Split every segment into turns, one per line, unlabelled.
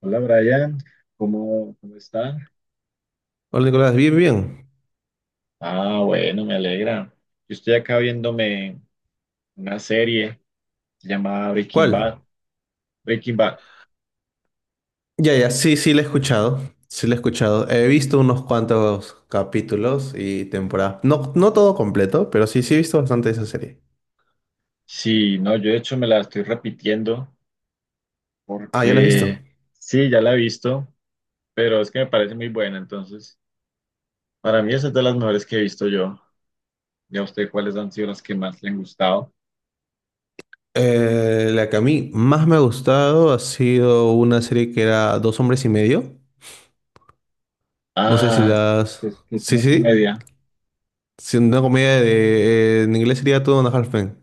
Hola Brian, ¿cómo está?
Hola Nicolás, bien, bien.
Ah, bueno, me alegra. Yo estoy acá viéndome una serie llamada Breaking Bad.
¿Cuál?
Breaking Bad.
Ya, ya, sí, sí, la he escuchado. Sí, la he escuchado. He visto unos cuantos capítulos y temporadas. No, no todo completo, pero sí, sí he visto bastante de esa serie.
Sí, no, yo de hecho me la estoy repitiendo
Ah, ¿ya la has visto?
porque sí, ya la he visto, pero es que me parece muy buena. Entonces, para mí esa es de las mejores que he visto yo. ¿Y a usted cuáles han sido las que más le han gustado?
La que a mí más me ha gustado ha sido una serie que era Dos hombres y medio. No sé si
Ah,
las.
que es
Sí,
una
sí.
comedia.
Sí, una comedia en inglés sería Two and a Half Men.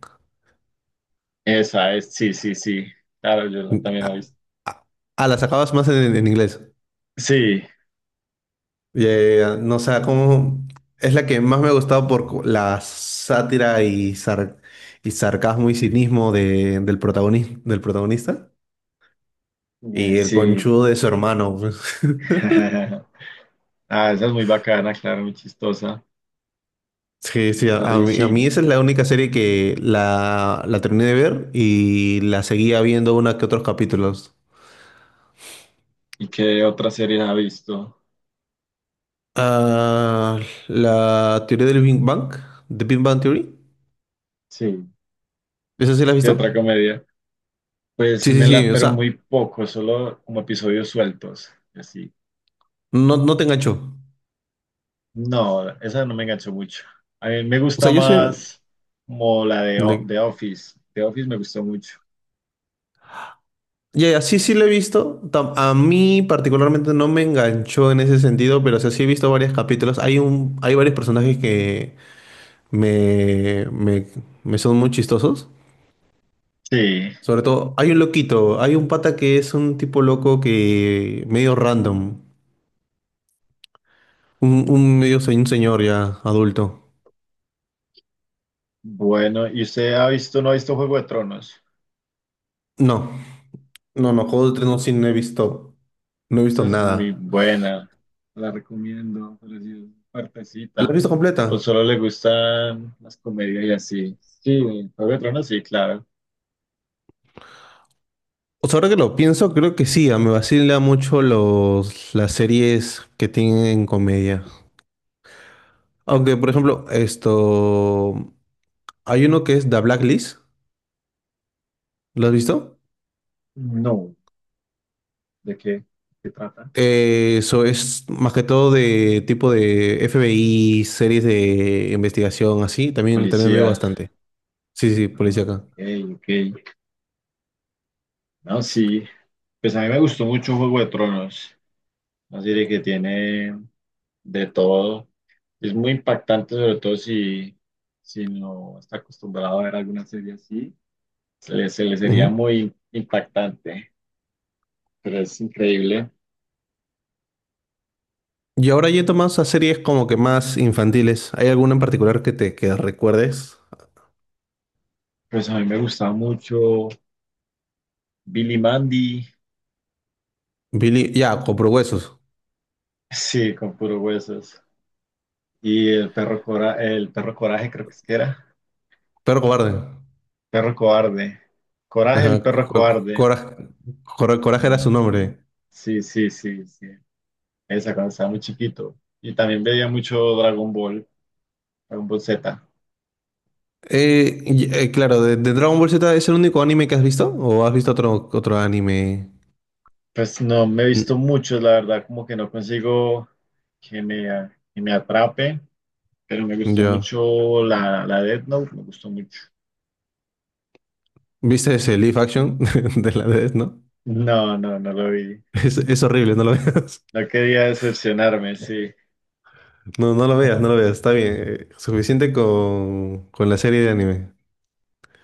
Esa es, sí, sí, sí. Claro, yo también la he
Ah,
visto.
ah, ah, las acabas más en inglés.
Sí,
Ya, ya, ya. No, o sea, como es la que más me ha gustado por la sátira y sarcasmo y cinismo del protagonista y el
sí.
conchudo de su hermano, pues.
Ah, esa es muy bacana, claro, muy chistosa.
Sí, sí, a a
Charlie
mí, a mí
Sheen.
esa es la única serie que la terminé de ver y la seguía viendo una que otros capítulos.
¿Y qué otra serie ha visto?
Ah, la teoría del Big Bang, The Big Bang Theory,
Sí,
¿esa sí la has
¿qué
visto?
otra comedia? Pues
Sí, sí,
me la,
sí, o
pero
sea,
muy poco, solo como episodios sueltos, así.
no, no te enganchó.
No, esa no me enganchó mucho. A mí me
O
gusta
sea,
más como la de
de-
The Office. The Office me gustó mucho.
ya, sí, sí lo he visto. A mí particularmente no me enganchó en ese sentido, pero o sea, sí he visto varios capítulos. Hay varios personajes que me, me, me son muy chistosos.
Sí,
Sobre todo, hay un loquito, hay un pata que es un tipo loco que medio random, un señor ya adulto.
bueno, ¿y usted ha visto, no ha visto Juego de Tronos?
No, no, no, Juego de Tronos sí no he visto, no he visto
Esa es muy
nada.
buena, la recomiendo, pero si es
¿La has
partecita.
visto
¿O
completa?
solo le gustan las comedias y así? Sí, Juego de Tronos, sí, claro.
Pues ahora que lo pienso, creo que sí, me vacila mucho las series que tienen comedia. Aunque, por ejemplo, esto, hay uno que es The Blacklist, ¿lo has visto?
No, ¿de qué? ¿De ¿qué trata?
Eso es más que todo de tipo de FBI, series de investigación, así, también, también veo
Policía.
bastante. Sí, sí, sí,
Ah,
policía acá.
ok, ok. No, sí. Pues a mí me gustó mucho Juego de Tronos. Una serie que tiene de todo. Es muy impactante, sobre todo si, si no está acostumbrado a ver alguna serie así. Se le sería
Ujú.
muy impactante. Pero es increíble.
Y ahora yendo más a series como que más infantiles, ¿hay alguna en particular que recuerdes?
Pues a mí me gustaba mucho Billy Mandy,
Billy, ya, Compro Huesos,
sí, con puros huesos. Y el perro, cora el perro coraje, creo que es que era.
Perro Cobarde.
Perro cobarde. Coraje, el
Ajá,
perro cobarde.
Coraje, Coraje era
Ah,
su nombre.
sí, sí, sí, sí. Esa cuando estaba muy chiquito. Y también veía mucho Dragon Ball, Dragon Ball Z.
Claro, de Dragon Ball Z es el único anime que has visto o has visto otro, otro anime.
Pues no me he
Mm,
visto mucho, la verdad, como que no consigo que me, que me atrape, pero me gustó
Yo.
mucho la, la Death Note, me gustó mucho.
¿Viste ese live action de la Death, no?
No, no, no lo vi.
Es horrible, no lo veas.
No quería decepcionarme, sí.
No, no lo veas, no lo veas. Está bien. Suficiente con la serie de anime.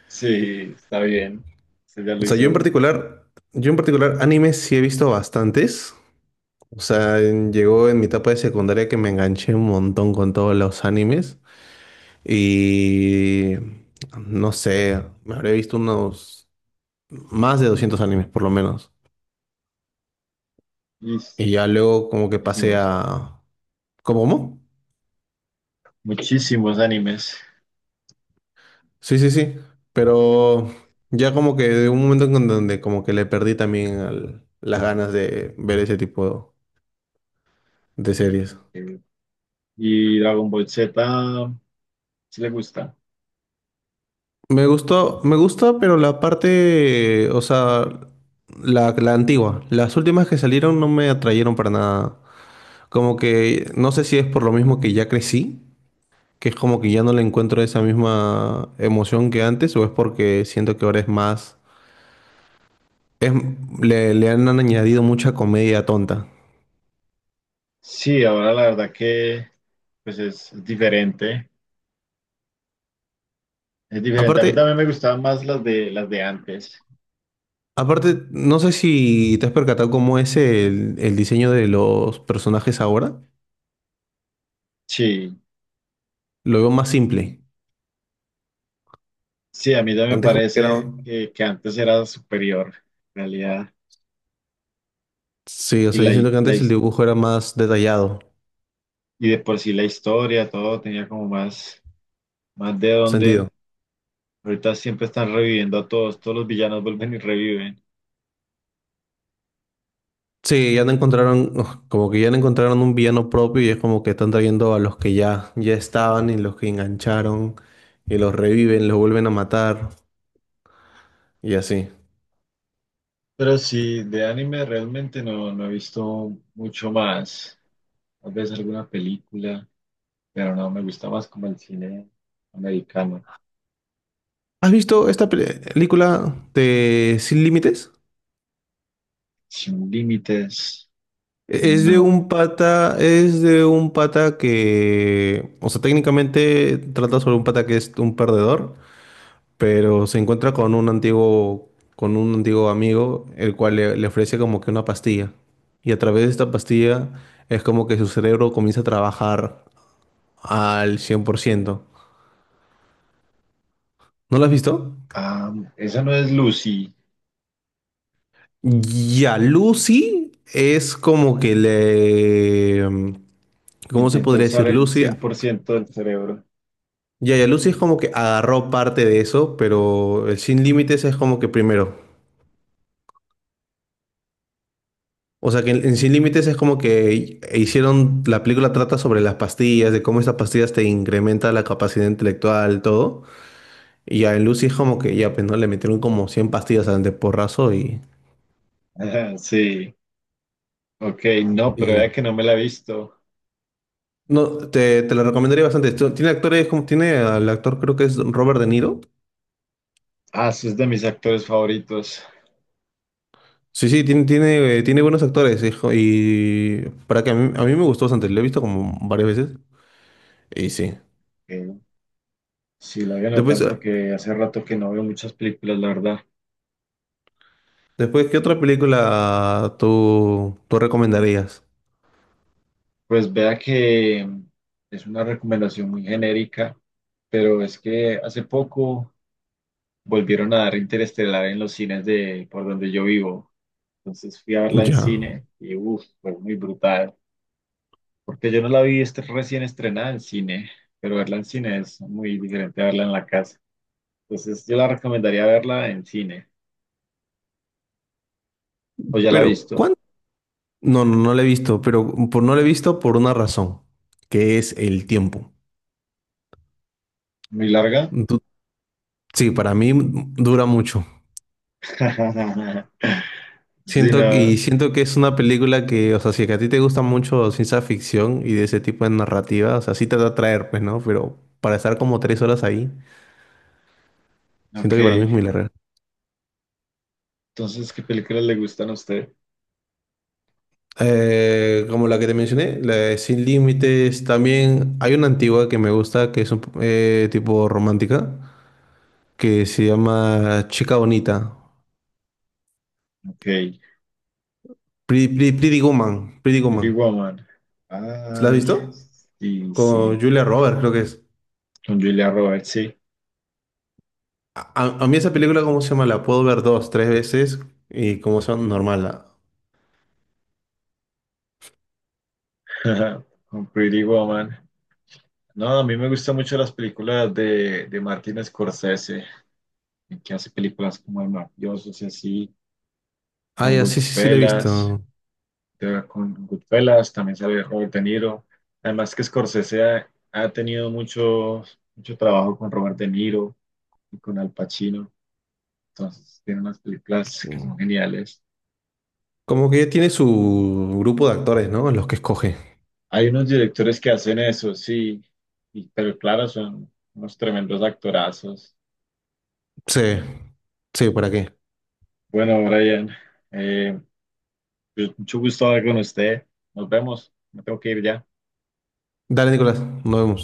Sí, está bien. Usted ya lo
O sea, yo en
hizo.
particular, yo en particular, anime sí he visto bastantes. O sea, llegó en mi etapa de secundaria que me enganché un montón con todos los animes. Y no sé, me habré visto unos más de 200 animes por lo menos.
Y
Y ya luego como que pasé
hicimos
a. ¿Cómo? ¿Cómo?
muchísimos animes.
Sí, sí, sí. Pero ya como que de un momento en donde como que le perdí también las ganas de ver ese tipo de series.
Eh, Y Dragon Ball Z, ¿si le gusta?
Me gustó, me gusta, pero la parte, o sea, la antigua. Las últimas que salieron no me atrayeron para nada. Como que no sé si es por lo mismo que ya crecí, que es como que ya no le encuentro esa misma emoción que antes, o es porque siento que ahora es más, es, le han añadido mucha comedia tonta.
Sí, ahora la verdad que pues es diferente. Es diferente. A mí
Aparte,
también me gustaban más las de antes.
aparte, no sé si te has percatado cómo es el diseño de los personajes ahora.
Sí,
Lo veo más simple.
sí, a mí también me
Antes como que era.
parece que antes era superior, en realidad.
Sí, o
Y
sea,
la,
yo siento que
la
antes el
his-
dibujo era más detallado.
y de por sí la historia, todo tenía como más. Más de dónde.
Sentido.
Ahorita siempre están reviviendo a todos. Todos los villanos vuelven y reviven.
Sí, ya no encontraron, uf, como que ya no encontraron un villano propio y es como que están trayendo a los que ya estaban y los que engancharon y los reviven, los vuelven a matar y así.
Pero sí, de anime realmente no, no he visto mucho más. Tal vez alguna película, pero no, me gusta más como el cine americano.
¿Has visto esta película de Sin Límites?
Sin límites,
Es de un
no.
pata, es de un pata que, o sea, técnicamente trata sobre un pata que es un perdedor, pero se encuentra con un antiguo amigo, el cual le ofrece como que una pastilla. Y a través de esta pastilla es como que su cerebro comienza a trabajar al 100%. ¿No lo has visto?
Ah, esa no es Lucy.
Ya, Lucy es como que le. ¿Cómo se
Intenta
podría
usar
decir?
el
Lucy.
cien
Ya,
por ciento del cerebro.
ya, Lucy es como que agarró parte de eso, pero el Sin Límites es como que primero. O sea que en Sin Límites es como que hicieron, la película trata sobre las pastillas, de cómo esas pastillas te incrementan la capacidad intelectual, todo. Y ya en Lucy es como que ya, pues no, le metieron como 100 pastillas al de porrazo y.
Sí, ok, no, pero vea
Y.
que no me la he visto.
No, te la recomendaría bastante. Esto. Tiene actores como, tiene al actor creo que es Robert De Niro.
Ah, sí, es de mis actores favoritos.
Sí, sí, tiene buenos actores. Hijo, y para que a mí me gustó bastante, lo he visto como varias veces. Y sí.
Ok. Sí, la voy a
Después,
anotar
eh,
porque hace rato que no veo muchas películas, la verdad.
después ¿qué otra película tú recomendarías?
Pues vea que es una recomendación muy genérica, pero es que hace poco volvieron a dar Interestelar en los cines de por donde yo vivo. Entonces fui a verla en
Ya.
cine y uff, fue muy brutal. Porque yo no la vi recién estrenada en cine, pero verla en cine es muy diferente a verla en la casa. Entonces yo la recomendaría verla en cine. ¿O ya la ha
Pero,
visto?
¿cuánto? No, no, no lo he visto, pero por, no lo he visto por una razón, que es el tiempo.
¿Muy larga?
Du- sí, para mí dura mucho.
Sí,
Siento, y
no.
siento que es una película que, o sea, si es que a ti te gusta mucho ciencia ficción y de ese tipo de narrativa, o sea, sí te va a atraer, pues, ¿no? Pero para estar como 3 horas ahí, siento
Ok,
que para mí es muy larga.
entonces, ¿qué películas le gustan a usted?
Como la que te mencioné, la de Sin Límites, también hay una antigua que me gusta, que es un, tipo romántica, que se llama Chica Bonita.
Ok,
Pretty Woman, Pretty
Pretty
Woman.
Woman.
¿La has
Ay,
visto?
sí,
Con
sí.
Julia Roberts, creo que es.
Con Julia Roberts, sí.
A mí esa película, ¿cómo se llama? La puedo ver dos, tres veces y como son normal. La.
Con Pretty Woman. No, a mí me gustan mucho las películas de Martin Scorsese, que hace películas como El Mafioso, y así,
Ah,
con
ya, sí, sí, sí, la he
Goodfellas.
visto.
Con Goodfellas también sale Robert De Niro. Además que Scorsese ha, ha tenido mucho, mucho trabajo con Robert De Niro y con Al Pacino. Entonces, tiene unas películas que son geniales.
Como que tiene su grupo de actores, ¿no? Los que escoge.
Hay unos directores que hacen eso, sí, pero claro, son unos tremendos actorazos.
Sí, sí, ¿para qué?
Bueno, Brian, eh, pues, mucho gusto hablar con usted. Nos vemos. Me tengo que ir ya.
Dale, Nicolás, nos vemos.